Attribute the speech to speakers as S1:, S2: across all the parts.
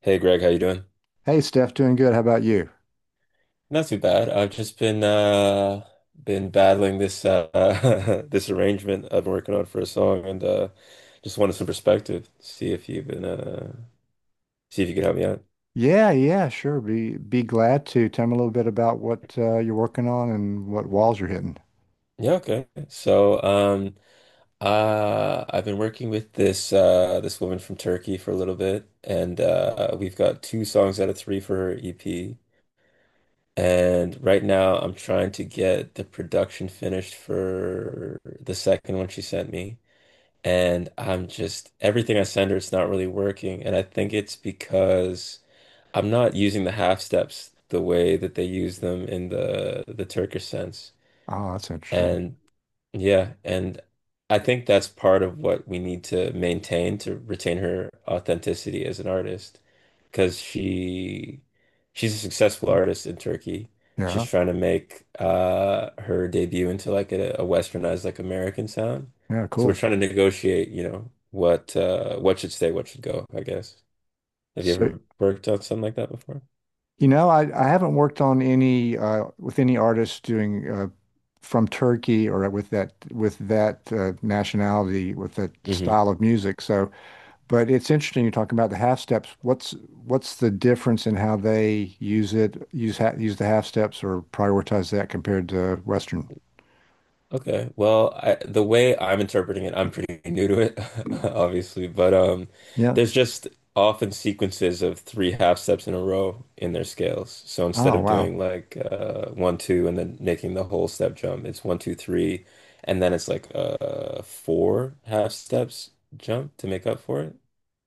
S1: Hey Greg, how you doing?
S2: Hey Steph, doing good. How about you?
S1: Not too bad. I've just been battling this this arrangement I've been working on for a song and just wanted some perspective. See if you've been see if you could help me out.
S2: Yeah, yeah, sure. Be glad to. Tell me a little bit about what you're working on and what walls you're hitting.
S1: Yeah, okay. I've been working with this woman from Turkey for a little bit and we've got two songs out of three for her EP. And right now, I'm trying to get the production finished for the second one she sent me. And I'm just, everything I send her, it's not really working. And I think it's because I'm not using the half steps the way that they use them in the Turkish sense.
S2: Oh, that's interesting.
S1: And yeah, and I think that's part of what we need to maintain to retain her authenticity as an artist, because she's a successful
S2: Mm.
S1: artist in Turkey. She's
S2: Yeah,
S1: trying to make her debut into like a westernized like American sound.
S2: yeah,
S1: So we're
S2: cool.
S1: trying to negotiate, you know, what should stay, what should go, I guess. Have you
S2: So,
S1: ever worked on something like that before?
S2: I haven't worked on any with any artists doing from Turkey or with that nationality with that
S1: Mm-hmm.
S2: style of music. So. But it's interesting you're talking about the half steps. What's the difference in how they use it, use ha use the half steps or prioritize that compared to Western?
S1: Okay. The way I'm interpreting it, I'm pretty new to it, obviously, but
S2: Yeah.
S1: there's just often sequences of three half steps in a row in their scales. So instead
S2: Oh,
S1: of
S2: wow.
S1: doing one, two, and then making the whole step jump, it's one, two, three, and then it's four half steps jump to make up for it,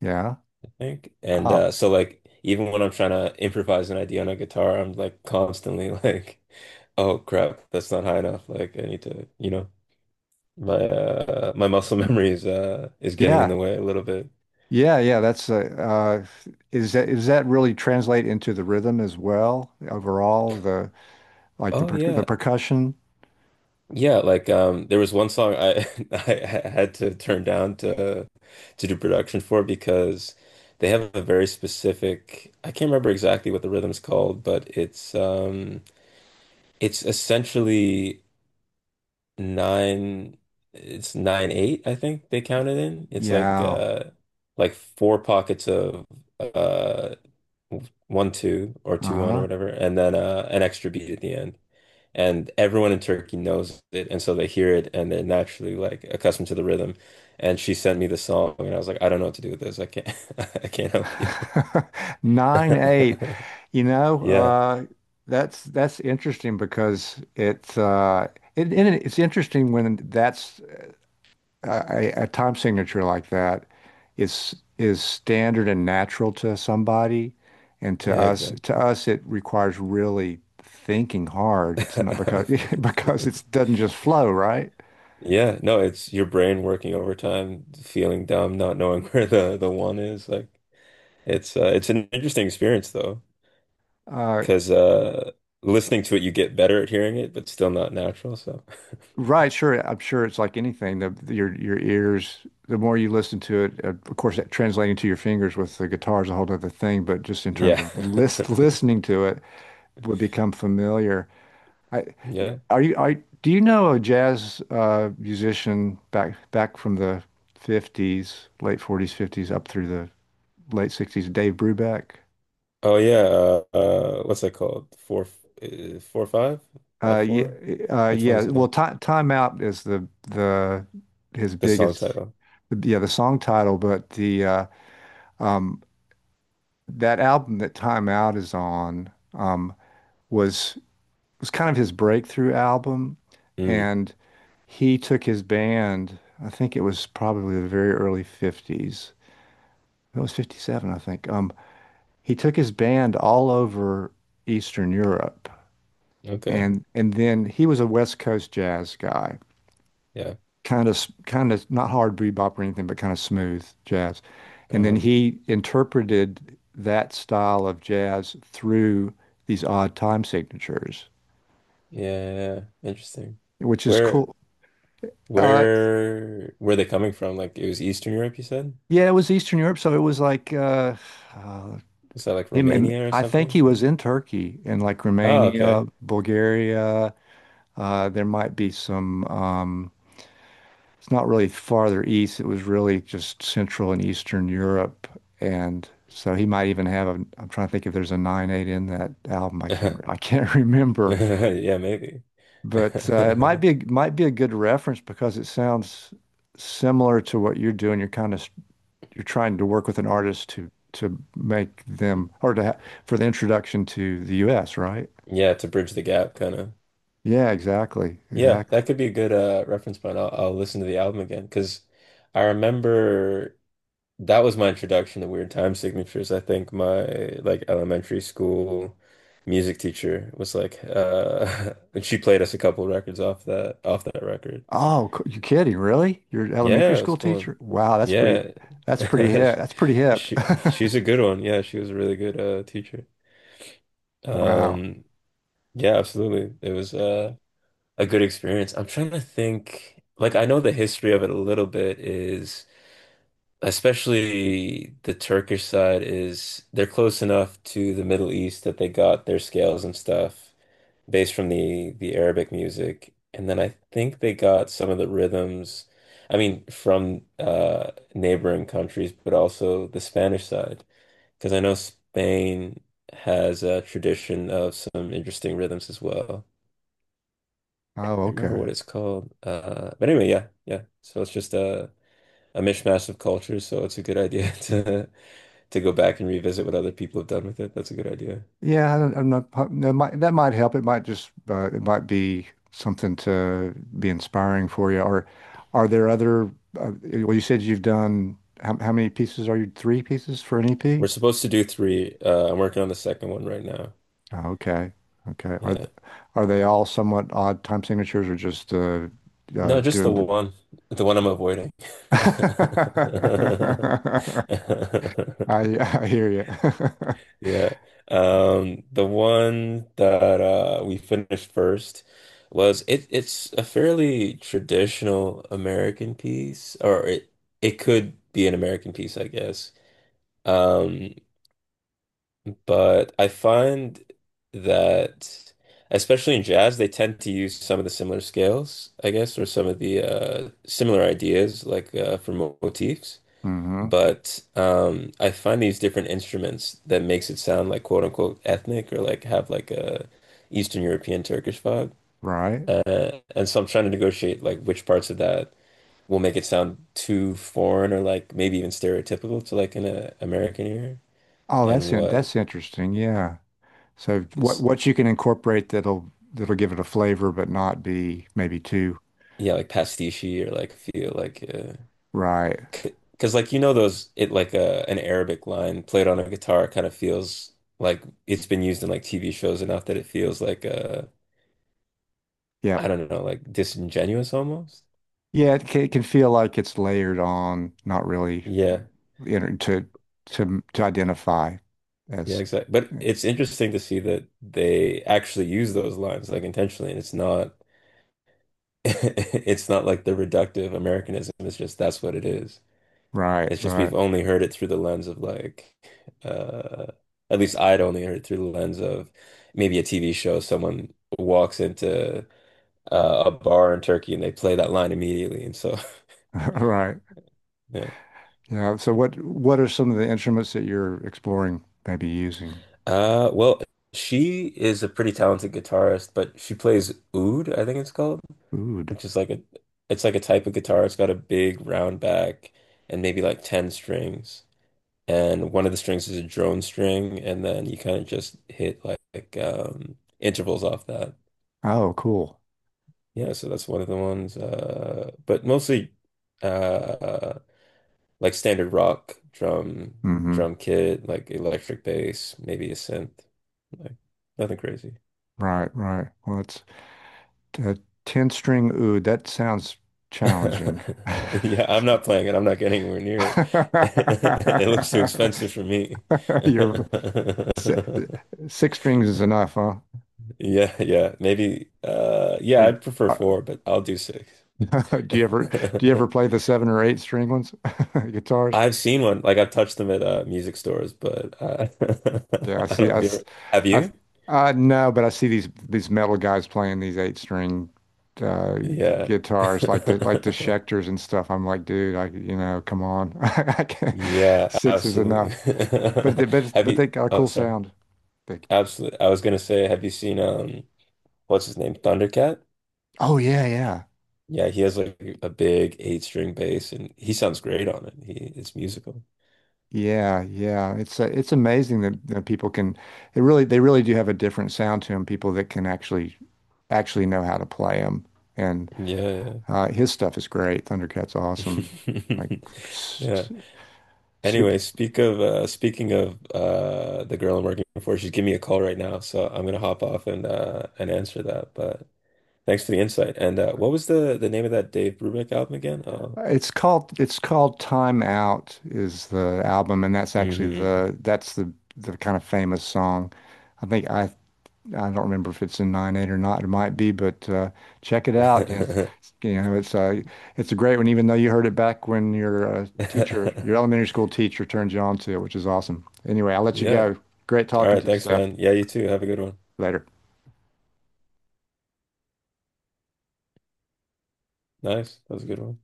S2: Yeah.
S1: I think. And
S2: Oh,
S1: so like even when I'm trying to improvise an idea on a guitar, I'm like constantly like, oh crap, that's not high enough. Like I need to, you know. My muscle
S2: mm.
S1: memory is getting in
S2: Yeah.
S1: the way a little bit.
S2: Yeah, yeah. That's Is that really translate into the rhythm as well overall, the like the
S1: Oh
S2: per the
S1: yeah.
S2: percussion?
S1: Yeah, there was one song I I had to turn down to do production for because they have a very specific I can't remember exactly what the rhythm's called, but it's essentially nine it's 9/8, I think they count it in. It's
S2: Yeah.
S1: like four pockets of uh 1 2 or 2 1 or
S2: Uh-huh.
S1: whatever, and then an extra beat at the end. And everyone in Turkey knows it, and so they hear it, and they're naturally like accustomed to the rhythm. And she sent me the song, and I was like, I don't know what to do with this. I can't, I can't help you.
S2: 9/8. You know,
S1: Yeah,
S2: uh, that's interesting because it's it, and it- it's interesting when that's a time signature like that is standard and natural to somebody, and to
S1: yeah,
S2: us to
S1: exactly.
S2: us it requires really thinking hard. It's not because because it doesn't just flow, right?
S1: Yeah, no, it's your brain working overtime, feeling dumb, not knowing where the one is. Like, it's an interesting experience, though.
S2: Uh,
S1: Because listening to it, you get better at hearing it, but still not natural. So,
S2: Right, sure. I'm sure it's like anything. Your ears, the more you listen to it, of course, that translating to your fingers with the guitar is a whole other thing. But just in terms
S1: yeah,
S2: of listening to it, would become familiar. I
S1: yeah.
S2: are you I do you know a jazz musician back from the 50s, late 40s, 50s, up through the late 60s, Dave Brubeck?
S1: Oh yeah. What's that called? Four, four, five, five,
S2: Yeah,
S1: four. Which one
S2: yeah.
S1: is it
S2: Well,
S1: in?
S2: Time Out is the his
S1: The song
S2: biggest,
S1: title.
S2: yeah, the song title, but the Um, that album that Time Out is on was was kind of his breakthrough album,
S1: Mm,
S2: and he took his band. I think it was probably the very early 50s. It was 57, I think. He took his band all over Eastern Europe,
S1: okay.
S2: and then he was a West Coast jazz guy,
S1: Yeah.
S2: kind of not hard bebop or anything, but kind of smooth jazz. And then
S1: Uh-huh.
S2: he interpreted that style of jazz through these odd time signatures,
S1: Yeah, yeah, yeah. Interesting.
S2: which is
S1: Where,
S2: cool. Uh,
S1: where are they coming from? Like it was Eastern Europe, you said?
S2: yeah, it was Eastern Europe, so it was like uh,
S1: Was that like Romania or
S2: I think he
S1: something?
S2: was in Turkey and like
S1: Oh,
S2: Romania,
S1: okay.
S2: Bulgaria. There might be some. It's not really farther east. It was really just Central and Eastern Europe. And so he might even have a, I'm trying to think if there's a 9/8 in that album. I can't remember,
S1: Yeah, maybe.
S2: but it might be a good reference because it sounds similar to what you're doing. You're trying to work with an artist to make them, or to, ha for the introduction to the US, right?
S1: Yeah, to bridge the gap, kind of.
S2: Yeah, exactly.
S1: Yeah,
S2: Exactly.
S1: that could be a good reference point. I'll listen to the album again because I remember that was my introduction to Weird Time Signatures. I think my like elementary school music teacher was like, and she played us a couple records off that record.
S2: Oh, you kidding? Really? You're an elementary
S1: Yeah, it was
S2: school
S1: cool.
S2: teacher? Wow,
S1: Yeah,
S2: That's pretty hip. That's pretty hip.
S1: she's a good one. Yeah, she was a really good teacher.
S2: Wow.
S1: Um, yeah, absolutely. It was. A good experience. I'm trying to think, like I know the history of it a little bit is especially the Turkish side is they're close enough to the Middle East that they got their scales and stuff based from the Arabic music. And then I think they got some of the rhythms, I mean, from neighboring countries, but also the Spanish side. Because I know Spain has a tradition of some interesting rhythms as well
S2: Oh,
S1: can't remember
S2: okay.
S1: what it's called. But anyway, yeah, yeah. So it's just a mishmash of cultures. So it's a good idea to go back and revisit what other people have done with it. That's a good idea.
S2: Yeah, I don't, I'm not. That might help. It might just. It might be something to be inspiring for you. Or are there other? Uh, well, you said you've done. How many pieces are you? Three pieces for an
S1: We're
S2: EP?
S1: supposed to do three. I'm working on the second one right now.
S2: Oh, okay. Okay. Are
S1: Yeah.
S2: are they all somewhat odd time signatures, or just
S1: No, just
S2: doing the?
S1: the one I'm avoiding.
S2: I I hear you.
S1: Yeah. The one that we finished first was it it's a fairly traditional American piece, or it could be an American piece, I guess. Um, but I find that especially in jazz, they tend to use some of the similar scales, I guess, or some of the similar ideas like for motifs.
S2: Hmm.
S1: But I find these different instruments that makes it sound like quote unquote ethnic or like have like a Eastern European Turkish vibe.
S2: Right.
S1: And so I'm trying to negotiate like which parts of that will make it sound too foreign or like maybe even stereotypical to like an American ear
S2: Oh,
S1: and
S2: that's in,
S1: what
S2: that's interesting. Yeah. So what
S1: is
S2: what you can incorporate that'll give it a flavor, but not be maybe too
S1: yeah like pastiche or like feel like
S2: right.
S1: because like you know those it like an Arabic line played on a guitar kind of feels like it's been used in like TV shows enough that it feels like I
S2: Yep.
S1: don't know, like disingenuous almost.
S2: Yeah. It can feel like it's layered on, not really
S1: Yeah,
S2: inter to to identify
S1: yeah,
S2: as
S1: exactly. But
S2: yeah,
S1: it's interesting to see that they actually use those lines like intentionally, and it's not it's not like the reductive Americanism. It's just that's what it is.
S2: right.
S1: It's just
S2: Right.
S1: we've only heard it through the lens of uh at least I'd only heard it through the lens of maybe a TV show. Someone walks into a bar in Turkey and they play that line immediately, and so
S2: Right.
S1: yeah.
S2: Yeah. So what are some of the instruments that you're exploring, maybe using?
S1: Well, she is a pretty talented guitarist, but she plays oud, I think it's called,
S2: Oud.
S1: which is like a it's like a type of guitar. It's got a big round back and maybe like 10 strings. And one of the strings is a drone string, and then you kind of just hit like, intervals off that.
S2: Oh, cool.
S1: Yeah, so that's one of the ones. But mostly uh like standard rock drum
S2: Hmm.
S1: drum kit, like electric bass, maybe a synth. Like nothing crazy.
S2: Right. Right. Well, that's Uh, 10 string oud, that sounds challenging.
S1: Yeah, I'm not playing it. I'm not getting anywhere near it. It looks too expensive for me.
S2: You're si- Six strings is enough, huh?
S1: Yeah, yeah. Maybe
S2: Are
S1: yeah,
S2: you,
S1: I'd prefer
S2: uh,
S1: four, but I'll do six.
S2: do you ever do you ever play the seven or eight string ones guitars?
S1: I've seen one. Like I've touched them at music stores, but
S2: Yeah, I
S1: I don't
S2: see.
S1: know
S2: I,
S1: if you ever
S2: s-
S1: have
S2: I, s-
S1: you?
S2: I No, but I see these metal guys playing these eight string uh,
S1: Yeah.
S2: guitars, like the Schecters and stuff. I'm like, dude, come on, I can't,
S1: Yeah,
S2: six is
S1: absolutely.
S2: enough.
S1: Have
S2: But
S1: you
S2: they got a
S1: Oh,
S2: cool
S1: sorry.
S2: sound. They,
S1: Absolutely. I was gonna say, have you seen what's his name? Thundercat?
S2: oh yeah, yeah.
S1: Yeah, he has like a big eight string bass and he sounds great on it. He it's musical.
S2: Yeah, yeah. It's amazing that people can it really they really do have a different sound to them, people that can actually know how to play them. And
S1: Yeah.
S2: his stuff is great. Thundercat's awesome. Like s-
S1: Yeah.
S2: s- super.
S1: Anyway, speaking of the girl I'm working for, she's giving me a call right now, so I'm gonna hop off and answer that. But thanks for the insight. And what was the name of that Dave Brubeck album again? Oh.
S2: It's called Time Out is the album and that's actually
S1: Hmm.
S2: the that's the kind of famous song. I think I don't remember if it's in 9/8 or not. It might be, but check it out. It's, you know, it's a great one, even though you heard it back when your elementary school teacher, turned you on to it, which is awesome. Anyway, I'll let you
S1: Yeah.
S2: go. Great
S1: All
S2: talking
S1: right,
S2: to you,
S1: thanks,
S2: Steph.
S1: man. Yeah, you too. Have a good one.
S2: Later.
S1: Nice. That was a good one.